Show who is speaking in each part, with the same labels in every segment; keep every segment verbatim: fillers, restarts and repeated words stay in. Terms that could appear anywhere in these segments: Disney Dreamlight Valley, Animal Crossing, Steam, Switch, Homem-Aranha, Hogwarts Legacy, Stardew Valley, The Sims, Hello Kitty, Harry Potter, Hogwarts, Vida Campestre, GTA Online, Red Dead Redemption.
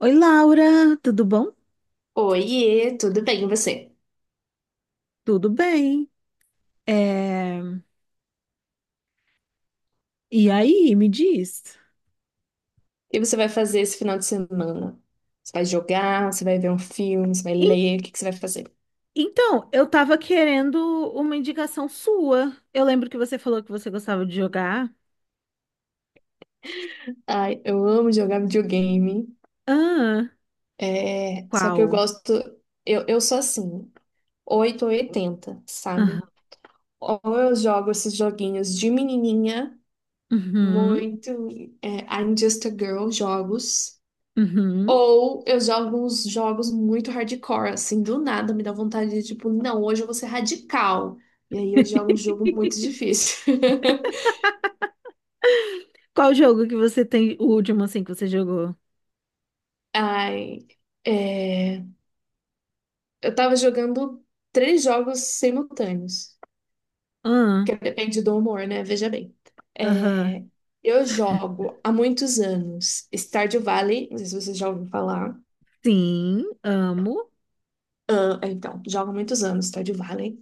Speaker 1: Oi, Laura, tudo bom?
Speaker 2: Oiê, tudo bem, e você?
Speaker 1: Tudo bem. É, E aí, me diz.
Speaker 2: O que você vai fazer esse final de semana? Você vai jogar, você vai ver um filme, você vai
Speaker 1: En-
Speaker 2: ler, o que que você vai fazer?
Speaker 1: Então, eu tava querendo uma indicação sua. Eu lembro que você falou que você gostava de jogar.
Speaker 2: Ai, eu amo jogar videogame,
Speaker 1: Ah,
Speaker 2: é, só que eu
Speaker 1: qual?
Speaker 2: gosto, eu, eu sou assim, oito ou oitenta, sabe?
Speaker 1: Aham.
Speaker 2: Ou eu jogo esses joguinhos de menininha,
Speaker 1: Uhum,
Speaker 2: muito, é, I'm Just a Girl jogos.
Speaker 1: uhum.
Speaker 2: Ou eu jogo uns jogos muito hardcore, assim, do nada me dá vontade de, tipo, não, hoje eu vou ser radical. E aí eu jogo um jogo muito difícil.
Speaker 1: Qual jogo que você tem, o último assim que você jogou?
Speaker 2: Ai, é, eu tava jogando três jogos simultâneos,
Speaker 1: Ah,
Speaker 2: que depende do humor, né? Veja bem.
Speaker 1: aham.
Speaker 2: É, eu jogo há muitos anos Stardew Valley, não sei se vocês já ouviram falar.
Speaker 1: Sim, amo.
Speaker 2: Ah, então, jogo há muitos anos Stardew Valley.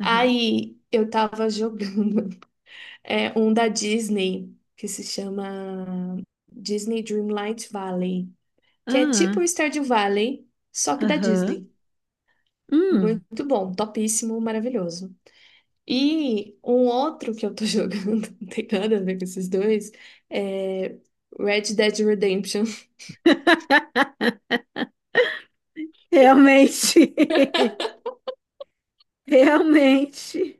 Speaker 1: Aham.
Speaker 2: eu tava jogando. É um da Disney, que se chama Disney Dreamlight Valley, que é tipo o
Speaker 1: Ah,
Speaker 2: Stardew Valley, só que da
Speaker 1: aham.
Speaker 2: Disney.
Speaker 1: Hum,
Speaker 2: Muito bom, topíssimo, maravilhoso. E um outro que eu tô jogando, não tem nada a ver com esses dois, é Red Dead Redemption.
Speaker 1: realmente. Realmente.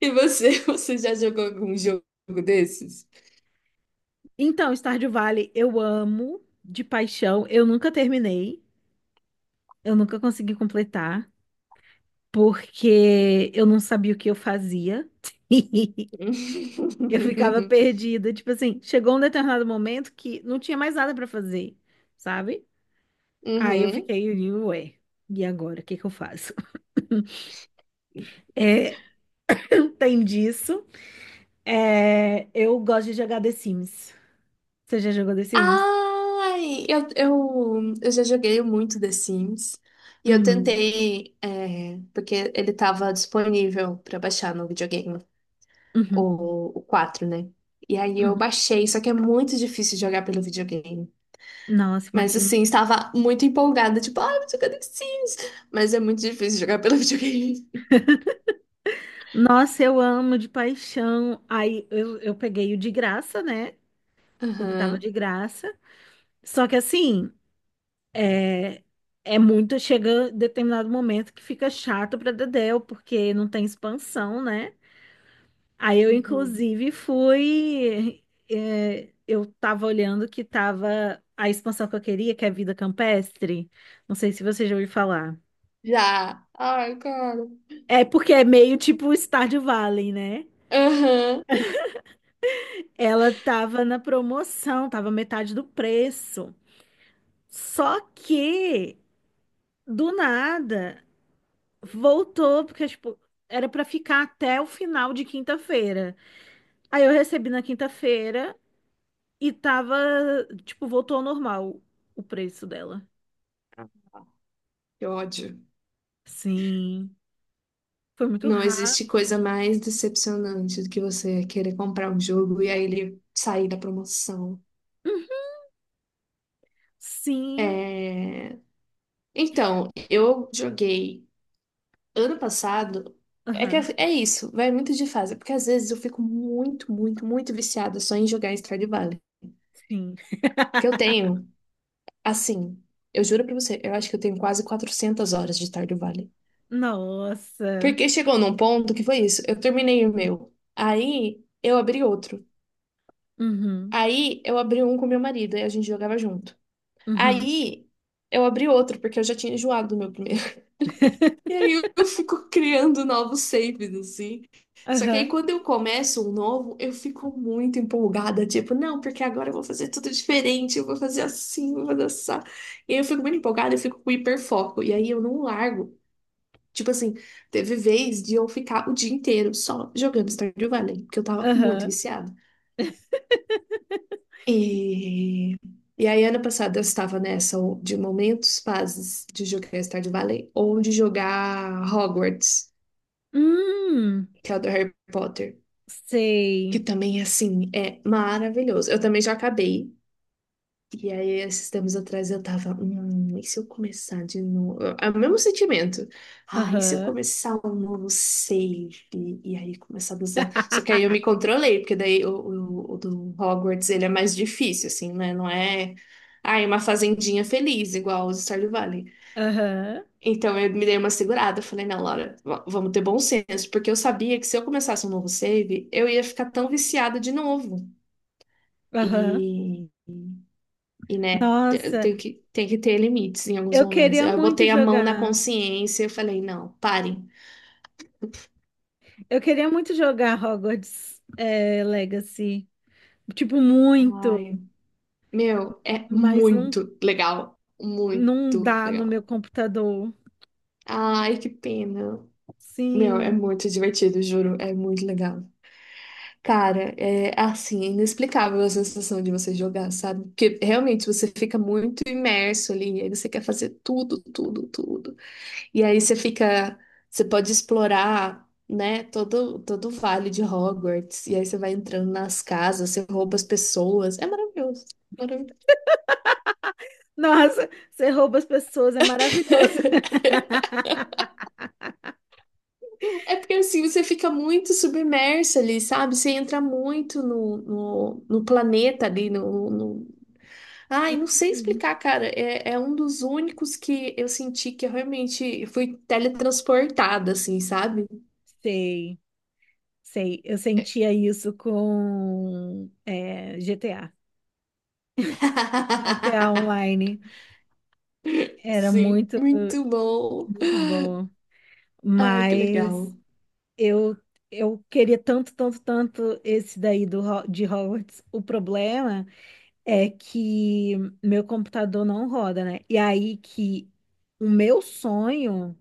Speaker 2: E você, você já jogou algum jogo desses?
Speaker 1: Então, Stardew Valley eu amo de paixão. Eu nunca terminei, eu nunca consegui completar, porque eu não sabia o que eu fazia. Eu ficava perdida, tipo assim, chegou um determinado momento que não tinha mais nada pra fazer, sabe? Aí eu
Speaker 2: Uhum.
Speaker 1: fiquei, ué, e agora, o que que eu faço? É, tem disso. É, eu gosto de jogar The Sims. Você já jogou The Sims?
Speaker 2: Ai, eu, eu, eu já joguei muito The Sims. E eu
Speaker 1: Uhum,
Speaker 2: tentei, é, porque ele estava disponível para baixar no videogame,
Speaker 1: uhum,
Speaker 2: o, o quatro, né? E aí eu
Speaker 1: uhum.
Speaker 2: baixei, só que é muito difícil jogar pelo videogame.
Speaker 1: Nossa,
Speaker 2: Mas
Speaker 1: imagina.
Speaker 2: assim, estava muito empolgada, tipo, ai, vou jogar The Sims. Mas é muito difícil jogar pelo videogame.
Speaker 1: Nossa, eu amo de paixão. Aí eu, eu peguei o de graça, né? O que tava
Speaker 2: Aham,
Speaker 1: de graça. Só que assim, é, é muito. Chega determinado momento que fica chato pra Dedéu, porque não tem expansão, né? Aí eu,
Speaker 2: uhum.
Speaker 1: inclusive, fui. é, eu tava olhando que tava a expansão que eu queria, que é Vida Campestre. Não sei se você já ouviu falar.
Speaker 2: Já. Ai, cara.
Speaker 1: É porque é meio tipo Stardew Valley, né?
Speaker 2: Aham.
Speaker 1: Ela tava na promoção, tava metade do preço. Só que, do nada, voltou, porque, tipo, era pra ficar até o final de quinta-feira. Aí eu recebi na quinta-feira e tava, tipo, voltou ao normal o preço dela.
Speaker 2: Que ódio.
Speaker 1: Sim, foi muito
Speaker 2: Não existe
Speaker 1: rápido.
Speaker 2: coisa mais decepcionante do que você querer comprar um jogo e aí ele sair da promoção.
Speaker 1: Hum, Sim,
Speaker 2: É, Então, eu joguei ano passado. É que
Speaker 1: aham,
Speaker 2: é isso, vai muito de fase, porque às vezes eu fico muito, muito, muito viciada só em jogar em Stardew Valley.
Speaker 1: sim.
Speaker 2: Porque eu tenho, assim, eu juro pra você, eu acho que eu tenho quase quatrocentas horas de Stardew Valley.
Speaker 1: Nossa.
Speaker 2: Porque chegou num ponto que foi isso, eu terminei o meu, aí eu abri outro.
Speaker 1: Uhum,
Speaker 2: Aí eu abri um com meu marido e a gente jogava junto.
Speaker 1: uhum.
Speaker 2: Aí eu abri outro, porque eu já tinha enjoado do meu primeiro. E aí eu eu fico criando novos saves, assim. Só que aí
Speaker 1: Aham,
Speaker 2: quando eu começo um novo, eu fico muito empolgada, tipo, não, porque agora eu vou fazer tudo diferente, eu vou fazer assim, eu vou dançar. E aí eu fico muito empolgada, eu fico com hiperfoco. E aí eu não largo. Tipo assim, teve vez de eu ficar o dia inteiro só jogando Stardew Valley, porque eu tava muito
Speaker 1: aham.
Speaker 2: viciada. E, e aí, ano passado, eu estava nessa o- de momentos fases de jogar Stardew Valley ou de jogar Hogwarts,
Speaker 1: Hum.
Speaker 2: que é o do Harry Potter, que
Speaker 1: Sei.
Speaker 2: também, assim, é maravilhoso. Eu também já acabei. E aí, esses tempos atrás, eu tava, hum, e se eu começar de novo? É o mesmo sentimento. Ah, e se eu
Speaker 1: Aham.
Speaker 2: começar um novo save? E aí, começar do zero. Só que aí eu me controlei, porque daí o, o, o do Hogwarts, ele é mais difícil, assim, né? Não é, ah, é uma fazendinha feliz, igual os Stardew Valley.
Speaker 1: Aham.
Speaker 2: Então, eu me dei uma segurada. Eu falei, não, Laura, v- vamos ter bom senso. Porque eu sabia que se eu começasse um novo save, eu ia ficar tão viciada de novo.
Speaker 1: Aham.
Speaker 2: E... E, né, te-
Speaker 1: Nossa,
Speaker 2: tem que, tem que ter limites em alguns
Speaker 1: eu
Speaker 2: momentos.
Speaker 1: queria
Speaker 2: Eu
Speaker 1: muito
Speaker 2: botei a mão na
Speaker 1: jogar.
Speaker 2: consciência e falei, não, parem.
Speaker 1: Eu queria muito jogar Hogwarts, eh, Legacy. Tipo, muito,
Speaker 2: Ai, meu, é
Speaker 1: mas não,
Speaker 2: muito legal.
Speaker 1: não
Speaker 2: Muito
Speaker 1: dá no
Speaker 2: legal.
Speaker 1: meu computador.
Speaker 2: Ai, que pena. Meu, é
Speaker 1: Sim.
Speaker 2: muito divertido, juro. É muito legal. Cara, é assim, inexplicável a sensação de você jogar, sabe? Porque realmente você fica muito imerso ali, aí você quer fazer tudo, tudo, tudo. E aí você fica, você pode explorar, né, todo, todo o vale de Hogwarts. E aí você vai entrando nas casas, você rouba as pessoas. É maravilhoso. Maravilhoso.
Speaker 1: Nossa, você rouba as pessoas, é maravilhoso.
Speaker 2: É porque assim você fica muito submerso ali, sabe? Você entra muito no, no, no planeta ali, no, no... Ai, não sei
Speaker 1: Hum,
Speaker 2: explicar, cara. É, é um dos únicos que eu senti que eu realmente fui teletransportada, assim, sabe?
Speaker 1: sei, sei. Eu sentia isso com eh, G T A. G T A Online era
Speaker 2: Sim,
Speaker 1: muito,
Speaker 2: muito bom.
Speaker 1: muito bom.
Speaker 2: Ai, que
Speaker 1: Mas
Speaker 2: legal.
Speaker 1: eu, eu queria tanto, tanto, tanto esse daí do, Ho- de Hogwarts. O problema é que meu computador não roda, né? E aí que o meu sonho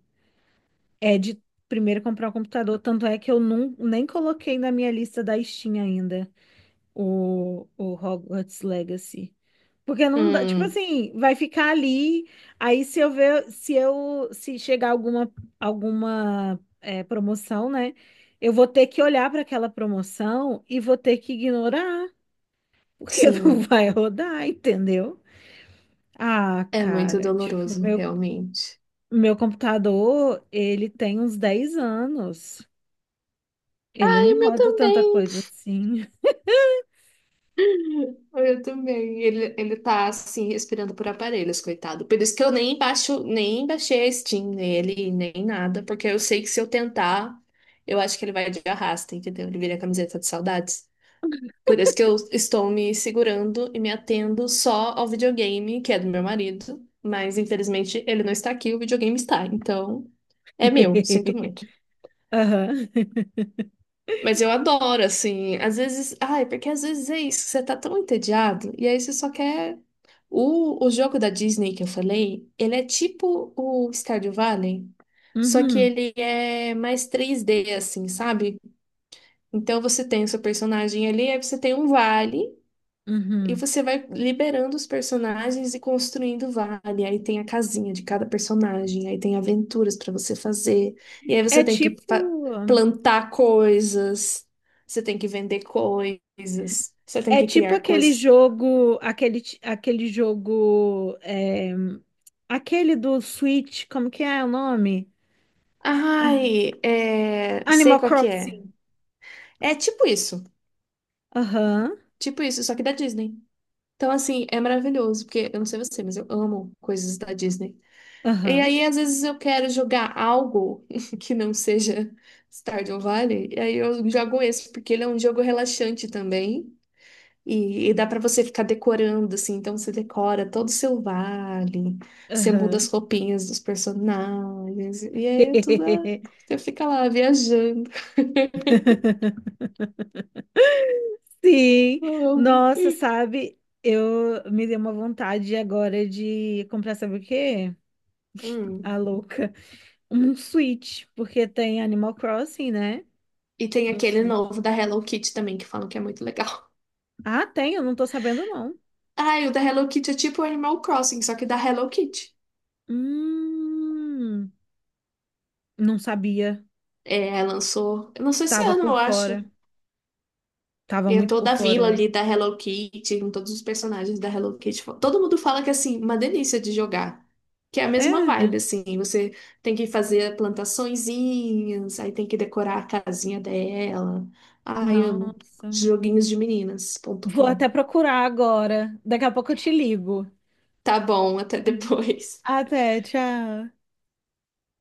Speaker 1: é de primeiro comprar um computador. Tanto é que eu não, nem coloquei na minha lista da Steam ainda o, o Hogwarts Legacy. Porque não dá, tipo
Speaker 2: Hum,
Speaker 1: assim, vai ficar ali, aí se eu ver, se eu, se chegar alguma, alguma é, promoção, né, eu vou ter que olhar para aquela promoção e vou ter que ignorar, porque não
Speaker 2: sim,
Speaker 1: vai rodar, entendeu? Ah,
Speaker 2: é muito
Speaker 1: cara, tipo,
Speaker 2: doloroso,
Speaker 1: meu,
Speaker 2: realmente.
Speaker 1: meu computador, ele tem uns dez anos, ele
Speaker 2: Ai, o
Speaker 1: não
Speaker 2: meu
Speaker 1: roda tanta
Speaker 2: também.
Speaker 1: coisa assim.
Speaker 2: O meu também. Ele, ele tá assim, respirando por aparelhos, coitado. Por isso que eu nem baixo, nem baixei a Steam nele, nem nada, porque eu sei que se eu tentar, eu acho que ele vai de arrasta, entendeu? Ele vira camiseta de saudades. Por isso que eu estou me segurando e me atendo só ao videogame, que é do meu marido. Mas infelizmente ele não está aqui, o videogame está. Então, é meu, sinto muito.
Speaker 1: Aham.
Speaker 2: Mas eu adoro, assim. Às vezes. Ai, porque às vezes é isso. Você tá tão entediado. E aí você só quer. O, o jogo da Disney que eu falei, ele é tipo o Stardew Valley. Só que
Speaker 1: Uhum,
Speaker 2: ele é mais três D, assim, sabe? Então você tem o seu personagem ali, aí você tem um vale. E
Speaker 1: uhum.
Speaker 2: você vai liberando os personagens e construindo vale. Aí tem a casinha de cada personagem, aí tem aventuras pra você fazer. E aí
Speaker 1: É
Speaker 2: você tem que fa-
Speaker 1: tipo,
Speaker 2: plantar coisas, você tem que vender coisas, você tem
Speaker 1: é
Speaker 2: que
Speaker 1: tipo
Speaker 2: criar
Speaker 1: aquele
Speaker 2: coisas.
Speaker 1: jogo, aquele, ti- aquele jogo, é, aquele do Switch, como que é o nome? Ah,
Speaker 2: Ai, é... sei
Speaker 1: Animal
Speaker 2: qual que é.
Speaker 1: Crossing.
Speaker 2: É tipo isso,
Speaker 1: Aham,
Speaker 2: tipo isso, só que da Disney. Então, assim, é maravilhoso, porque eu não sei você, mas eu amo coisas da Disney. E
Speaker 1: aham,
Speaker 2: aí, às vezes, eu quero jogar algo que não seja Stardew Valley, e aí eu jogo esse, porque ele é um jogo relaxante também, e, e dá pra você ficar decorando, assim, então você decora todo o seu vale, você muda as
Speaker 1: aham.
Speaker 2: roupinhas dos personagens, e aí é tudo, ah, você fica lá viajando.
Speaker 1: Sim,
Speaker 2: Eu amo.
Speaker 1: nossa, sabe? Eu me dei uma vontade agora de comprar, sabe o quê?
Speaker 2: Hum.
Speaker 1: A louca. Um Switch, porque tem Animal Crossing, né?
Speaker 2: E tem
Speaker 1: No
Speaker 2: aquele
Speaker 1: Switch.
Speaker 2: novo da Hello Kitty também, que falam que é muito legal.
Speaker 1: Ah, tem, eu não tô sabendo, não.
Speaker 2: Ah, e o da Hello Kitty é tipo Animal Crossing, só que da Hello Kitty.
Speaker 1: Hum. Não sabia.
Speaker 2: É, lançou, eu não sei se
Speaker 1: Tava
Speaker 2: ano,
Speaker 1: por
Speaker 2: eu
Speaker 1: fora.
Speaker 2: acho.
Speaker 1: Tava
Speaker 2: E é
Speaker 1: muito por
Speaker 2: toda a
Speaker 1: fora
Speaker 2: vila
Speaker 1: eu.
Speaker 2: ali da Hello Kitty, com todos os personagens da Hello Kitty. Todo mundo fala que, assim, uma delícia de jogar. Que é a mesma
Speaker 1: É.
Speaker 2: vibe, assim. Você tem que fazer plantaçõezinhas, aí tem que decorar a casinha dela. Ai, amo.
Speaker 1: Nossa.
Speaker 2: Joguinhos de
Speaker 1: Vou
Speaker 2: joguinhos de meninas ponto com.
Speaker 1: até procurar agora. Daqui a pouco eu te ligo.
Speaker 2: Tá bom, até depois.
Speaker 1: Até, tchau.